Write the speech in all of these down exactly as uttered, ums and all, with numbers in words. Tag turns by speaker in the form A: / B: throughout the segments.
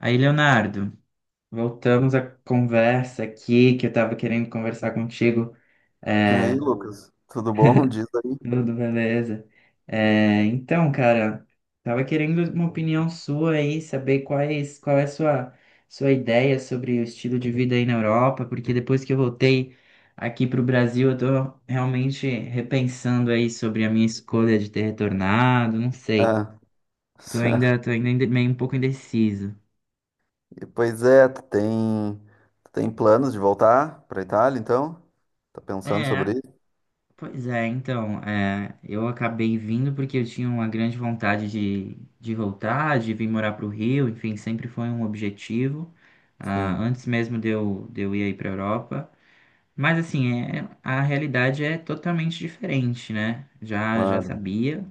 A: Aí, Leonardo, voltamos à conversa aqui que eu estava querendo conversar contigo.
B: E aí,
A: É,
B: Lucas, tudo bom? Diz aí.
A: tudo beleza? É, então, cara, tava querendo uma opinião sua aí, saber quais, qual é a sua, sua ideia sobre o estilo de vida aí na Europa, porque depois que eu voltei aqui para o Brasil, eu tô realmente repensando aí sobre a minha escolha de ter retornado, não sei.
B: Ah,
A: Tô ainda, tô ainda inde- meio um pouco indeciso.
B: e pois é, tu tem, tu tem planos de voltar para Itália, então? Tá pensando sobre
A: É,
B: isso?
A: Pois é, então, é, eu acabei vindo porque eu tinha uma grande vontade de, de voltar, de vir morar para o Rio, enfim, sempre foi um objetivo, ah,
B: Sim,
A: antes mesmo de eu, de eu ir aí para a Europa. Mas, assim, é, a realidade é totalmente diferente, né? Já, já
B: claro.
A: sabia,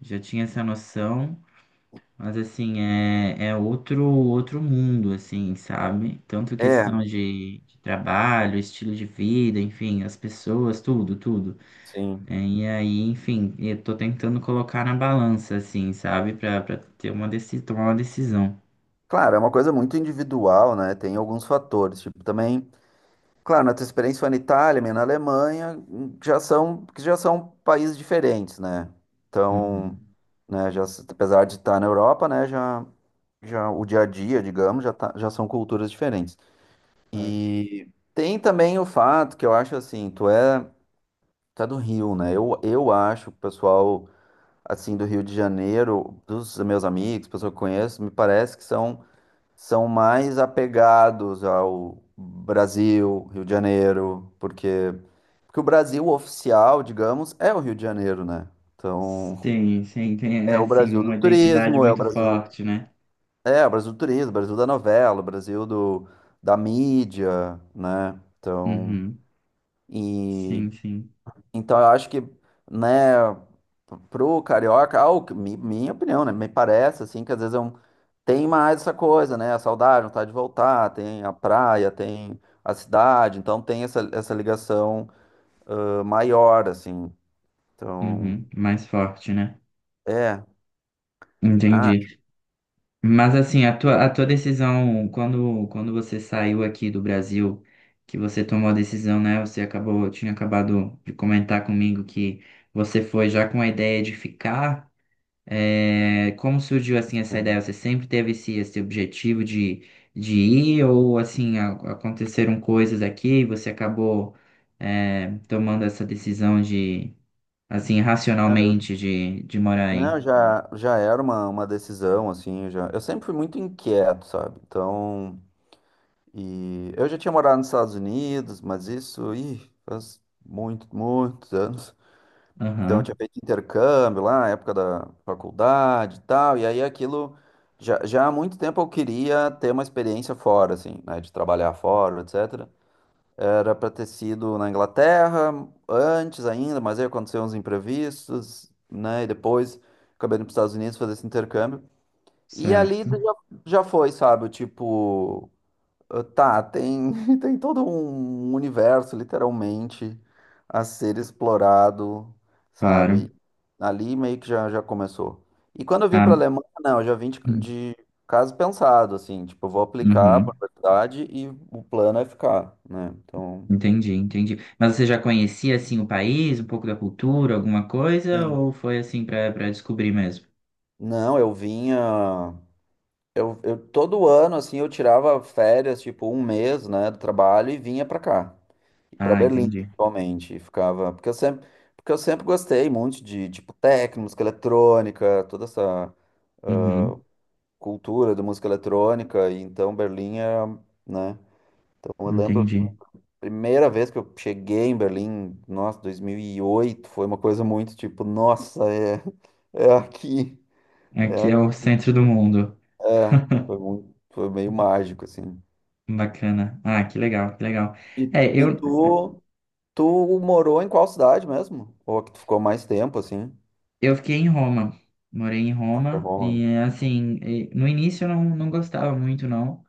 A: já tinha essa noção, mas, assim, é, é outro, outro mundo, assim, sabe? Tanto
B: É,
A: questão de, de trabalho, estilo de vida, enfim, as pessoas, tudo, tudo.
B: sim.
A: É, e aí, enfim, eu tô tentando colocar na balança, assim, sabe? Pra, pra ter uma deci tomar uma decisão.
B: Claro, é uma coisa muito individual, né? Tem alguns fatores, tipo, também, claro, na tua experiência foi na Itália, minha na Alemanha, hum, já são, que já são países diferentes, né? Então,
A: Uhum.
B: né, já, s- apesar de estar na Europa, né, já, já o dia a dia, digamos, já, tá, já são culturas diferentes.
A: Claro.
B: E tem também o fato que eu acho assim, tu é, tu é do Rio, né? Eu, eu acho que o pessoal assim do Rio de Janeiro, dos meus amigos, pessoas que eu conheço, me parece que são, são mais apegados ao Brasil, Rio de Janeiro, porque, porque o Brasil oficial, digamos, é o Rio de Janeiro, né? Então,
A: Sim, sim, tem, é,
B: é o
A: assim,
B: Brasil do
A: uma identidade
B: turismo, é o
A: muito
B: Brasil,
A: forte, né?
B: é o Brasil do turismo, Brasil da novela, o Brasil do, da mídia, né? Então,
A: Uhum.
B: e
A: Sim, sim.
B: então eu acho que, né, pro carioca, ao, que- mi- minha opinião, né, me parece assim que às vezes é um, tem mais essa coisa, né, a saudade, vontade de voltar, tem a praia, tem a cidade, então tem essa, essa ligação ah, maior, assim. Então,
A: Uhum. Mais forte, né?
B: é, ah,
A: Entendi. Mas, assim, a tua, a tua decisão, quando, quando você saiu aqui do Brasil, que você tomou a decisão, né? Você acabou, tinha acabado de comentar comigo que você foi já com a ideia de ficar. É, como surgiu assim essa ideia? Você sempre teve esse, esse objetivo de, de ir ou assim a- aconteceram coisas aqui e você acabou é, tomando essa decisão de assim
B: não,
A: racionalmente de, de morar aí?
B: já, já era uma, uma decisão, assim, eu já, eu sempre fui muito inquieto, sabe? Então e eu já tinha morado nos Estados Unidos, mas isso, ih, faz muito, muitos anos. Então eu
A: Aham,
B: tinha feito intercâmbio lá, na época da faculdade e tal, e aí aquilo já, já há muito tempo eu queria ter uma experiência fora, assim, né, de trabalhar fora, etcétera. Era para ter sido na Inglaterra antes ainda, mas aí aconteceu uns imprevistos, né, e depois acabei indo para os Estados Unidos fazer esse intercâmbio. E ali
A: certo,
B: já, já foi, sabe, o tipo ah, Tá, tem, tem todo um universo, literalmente, a ser explorado,
A: claro.
B: sabe? Ali meio que já, já começou. E quando eu vim para a
A: Ah,
B: Alemanha, não, eu já vim de,
A: hum,
B: de caso pensado, assim, tipo, eu vou aplicar
A: uhum,
B: para a universidade e o plano é ficar, né? Então,
A: entendi, entendi. Mas você já conhecia assim o país, um pouco da cultura, alguma coisa
B: sim.
A: ou foi assim para para descobrir mesmo?
B: Não, eu vinha. Eu, eu, todo ano, assim, eu tirava férias, tipo, um mês, né, do trabalho e vinha para cá. Para
A: Ah,
B: Berlim,
A: entendi.
B: principalmente, e ficava, porque eu sempre, porque eu sempre gostei muito de tipo techno, música eletrônica, toda essa
A: Uhum,
B: cultura da música eletrônica, e então Berlim é, né? Então eu lembro
A: entendi.
B: a primeira vez que eu cheguei em Berlim, nossa, dois mil e oito, foi uma coisa muito tipo, nossa, é é aqui, é
A: Aqui é
B: aqui.
A: o centro
B: que
A: do
B: eu-
A: mundo.
B: É, foi muito, foi meio mágico assim.
A: Bacana. Ah, que legal, que legal.
B: E,
A: É,
B: e
A: eu,
B: tu, tu morou em qual cidade mesmo? Ou a que tu ficou mais tempo assim?
A: eu fiquei em Roma. Morei em
B: Ah, foi
A: Roma
B: Roma.
A: e, assim, e no início eu não, não gostava muito, não.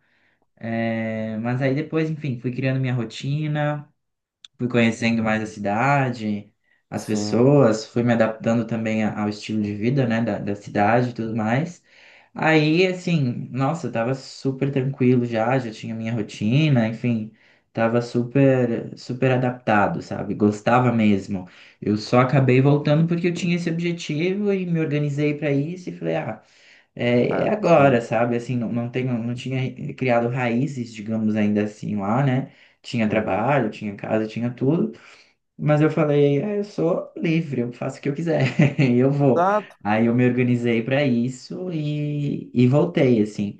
A: É, mas aí depois, enfim, fui criando minha rotina. Fui conhecendo mais a cidade, as
B: Sim,
A: pessoas, fui me adaptando também a- ao estilo de vida, né, da, da cidade e tudo mais. Aí, assim, nossa, eu tava super tranquilo já, já tinha minha rotina, enfim, tava super, super adaptado, sabe? Gostava mesmo. Eu só acabei voltando porque eu tinha esse objetivo e me organizei para isso e falei, ah, é, é
B: é, sim.
A: agora, sabe? Assim, não, não tenho, não tinha criado raízes, digamos ainda assim, lá, né? Tinha
B: Uhum.
A: trabalho, tinha casa, tinha tudo, mas eu falei, "É, eu sou livre, eu faço o que eu quiser, e eu vou.
B: Exato.
A: Aí eu me organizei para isso e, e voltei, assim.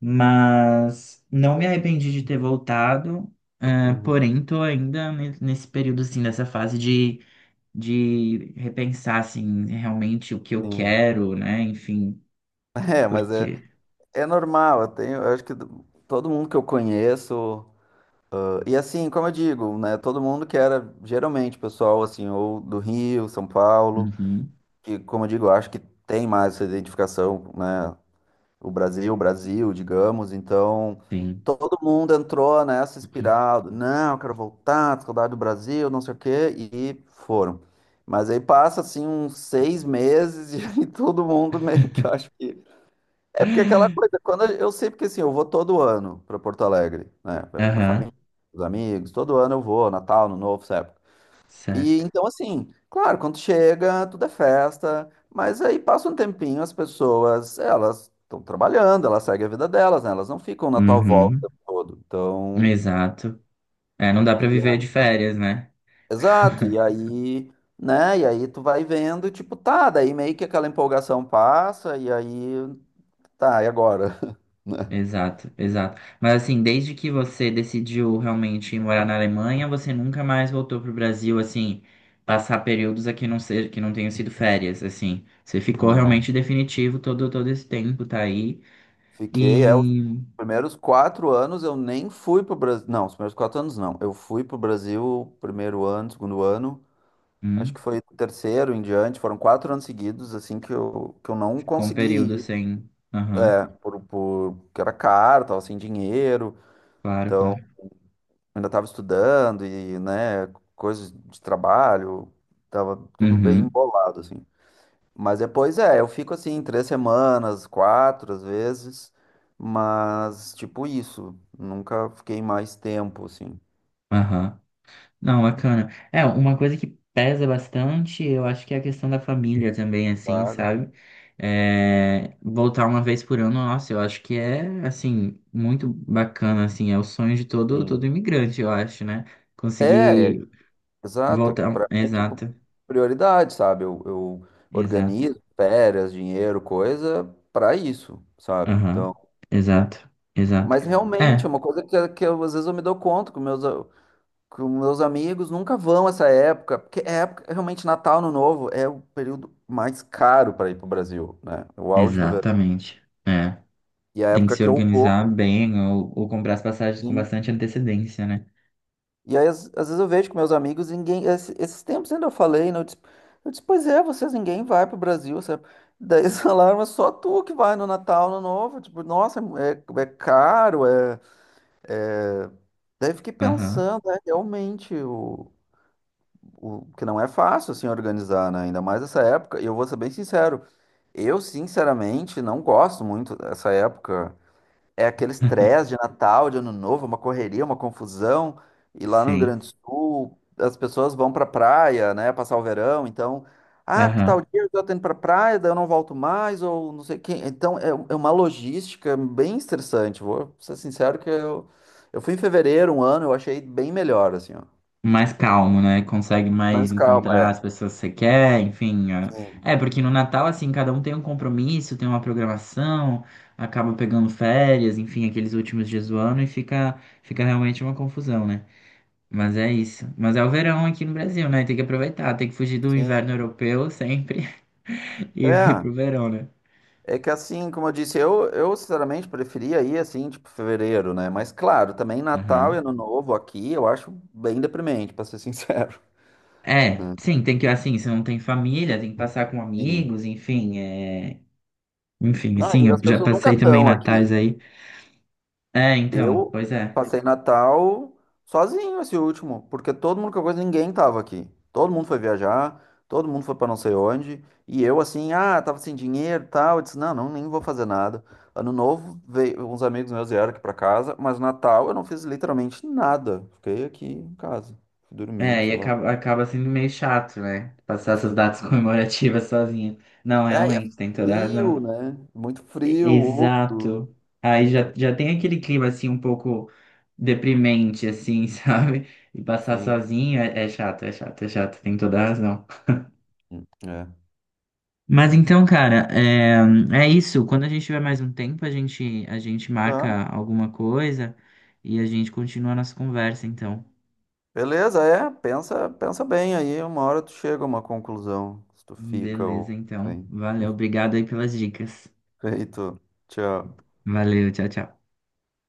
A: Mas não me arrependi de ter voltado, ah,
B: Uhum,
A: porém, tô ainda ne- nesse período, assim, dessa fase de, de repensar, assim, realmente o que eu
B: sim.
A: quero, né? Enfim,
B: É, mas é,
A: porque.
B: é normal. Eu tenho, eu acho que do- todo mundo que eu conheço. ah, E assim, como eu digo, né? Todo mundo que era geralmente pessoal, assim, ou do Rio, São Paulo, que, como eu digo, eu acho que tem mais essa identificação, né? o Brasil, o Brasil, digamos. Então,
A: Sim.
B: todo mundo entrou nessa espiral. do, Não, eu quero voltar, saudade do Brasil, não sei o quê, e foram. Mas aí passa assim uns seis meses e aí todo mundo meio que eu acho que. É porque aquela coisa, quando a- eu sei porque assim, eu vou todo ano para Porto Alegre, né? Pra minha
A: Aham,
B: família, os amigos, todo ano eu vou, Natal, no Novo, sabe? E
A: certo.
B: então, assim, claro, quando chega, tudo é festa, mas aí passa um tempinho, as pessoas, elas estão trabalhando, elas seguem a vida delas, né? Elas não ficam na tua volta
A: Uhum,
B: o tempo todo. Então,
A: exato. É, não dá pra
B: e
A: viver de
B: a-
A: férias, né?
B: exato, e aí, né? E aí tu vai vendo, tipo, tá, daí meio que aquela empolgação passa, e aí, tá, e agora? né?
A: Exato, exato. Mas assim, desde que você decidiu realmente ir morar na Alemanha, você nunca mais voltou pro Brasil, assim, passar períodos aqui não ser, que não tenham sido férias, assim. Você ficou
B: Não.
A: realmente definitivo todo, todo esse tempo, tá aí.
B: Fiquei, é, os
A: E
B: primeiros quatro anos eu nem fui pro Brasil. Não, os primeiros quatro anos não. Eu fui pro Brasil primeiro ano, segundo ano. Acho
A: hum,
B: que foi o terceiro em diante, foram quatro anos seguidos, assim, que eu, que eu não
A: ficou um período
B: consegui ir,
A: sem. Aham,
B: é, por, por, porque era caro, tava sem dinheiro,
A: claro,
B: então
A: claro.
B: ainda tava estudando e, né, coisas de trabalho, tava tudo bem
A: Uhum,
B: embolado, assim. Mas depois, é, eu fico, assim, três semanas, quatro, às vezes, mas, tipo, isso, nunca fiquei mais tempo, assim.
A: aham. Não, bacana. É, uma coisa que pesa bastante, eu acho que é a questão da família também, assim,
B: Claro.
A: sabe? É, voltar uma vez por ano, nossa, eu acho que é, assim, muito bacana, assim, é o sonho de todo,
B: Sim.
A: todo imigrante, eu acho, né?
B: É,
A: Conseguir
B: exato, é que pra
A: voltar.
B: mim é tipo
A: Exato,
B: prioridade, sabe? Eu, eu
A: exato.
B: organizo férias, dinheiro, coisa pra isso, sabe?
A: Aham,
B: Então,
A: exato, exato.
B: mas realmente é
A: É,
B: uma coisa que, que eu, às vezes eu me dou conta que meus a- que os meus amigos nunca vão essa época, porque é época realmente Natal, Ano Novo é o período mais caro para ir pro Brasil, né? É o auge do verão.
A: exatamente. É,
B: E é a
A: tem que
B: época
A: se
B: que eu
A: organizar
B: vou,
A: bem ou, ou comprar as passagens com bastante antecedência, né?
B: e aí, às, às vezes eu vejo com meus amigos, ninguém. esse- Esses tempos ainda eu falei, né? Eu disse, eu disse, pois é, vocês ninguém vai pro Brasil, sabe? Daí eles falaram, mas só tu que vai no Natal, no Novo. Tipo, nossa, é, é caro, é, é... Daí eu fiquei
A: Aham,
B: pensando, né? Realmente, o, o que não é fácil, assim, organizar, né? Ainda mais essa época. E eu vou ser bem sincero, eu, sinceramente, não gosto muito dessa época. É aquele estresse de Natal, de Ano Novo, é uma correria, uma confusão. E lá no Rio
A: sim.
B: Grande do Sul, as pessoas vão pra praia, né, passar o verão. Então, ah, porque tal
A: Aham.
B: dia eu tô indo pra praia, daí eu não volto mais, ou não sei quem. Então, é, é uma logística bem estressante. Vou ser sincero que eu, eu fui em fevereiro um ano, eu achei bem melhor, assim, ó.
A: mais calmo, né? Consegue mais
B: Mas calma,
A: encontrar as
B: é.
A: pessoas que você quer, enfim. a-
B: Sim,
A: É, porque no Natal, assim, cada um tem um compromisso, tem uma programação, acaba pegando férias, enfim, aqueles últimos dias do ano e fica, fica realmente uma confusão, né? Mas é isso. Mas é o verão aqui no Brasil, né? Tem que aproveitar, tem que fugir do inverno
B: sim.
A: europeu sempre e vir
B: É.
A: pro verão, né?
B: É que assim, como eu disse, eu, eu sinceramente preferia ir assim, tipo, fevereiro, né? Mas claro, também
A: Aham.
B: Natal e Ano Novo aqui eu acho bem deprimente, pra ser sincero,
A: É,
B: né?
A: sim, tem que, assim, se não tem família, tem que passar com
B: Sim.
A: amigos, enfim, é... Enfim,
B: Não,
A: sim,
B: e as
A: eu já
B: pessoas nunca
A: passei também
B: estão
A: natais
B: aqui.
A: aí. É, então,
B: Eu
A: pois é.
B: passei Natal sozinho esse último, porque todo mundo que eu conheço, ninguém tava aqui. Todo mundo foi viajar, todo mundo foi pra não sei onde, e eu assim, ah, tava sem dinheiro, e tal, eu disse, não, não, nem vou fazer nada. Ano novo, veio uns amigos meus vieram aqui pra casa, mas Natal eu não fiz literalmente nada. Fiquei aqui em casa, fui dormir,
A: É, e
B: sei lá.
A: acaba, acaba sendo meio chato, né? Passar essas
B: Sim.
A: datas comemorativas sozinha. Não,
B: É, e é
A: realmente, tem toda a razão.
B: frio, né? Muito
A: E-
B: frio, úmido.
A: Exato. Aí já,
B: Então,
A: já tem aquele clima, assim, um pouco deprimente, assim, sabe? E passar
B: sim.
A: sozinho é, é chato, é chato, é chato, tem toda a razão.
B: Hum, é.
A: Mas então, cara, é, é isso. Quando a gente tiver mais um tempo, a gente, a gente
B: Ah,
A: marca alguma coisa e a gente continua a nossa conversa, então.
B: beleza, é, pensa, pensa bem aí, uma hora tu chega a uma conclusão, se tu fica ou
A: Beleza, então.
B: bem.
A: Valeu, obrigado aí pelas dicas.
B: Feito. Tchau.
A: Valeu, tchau, tchau.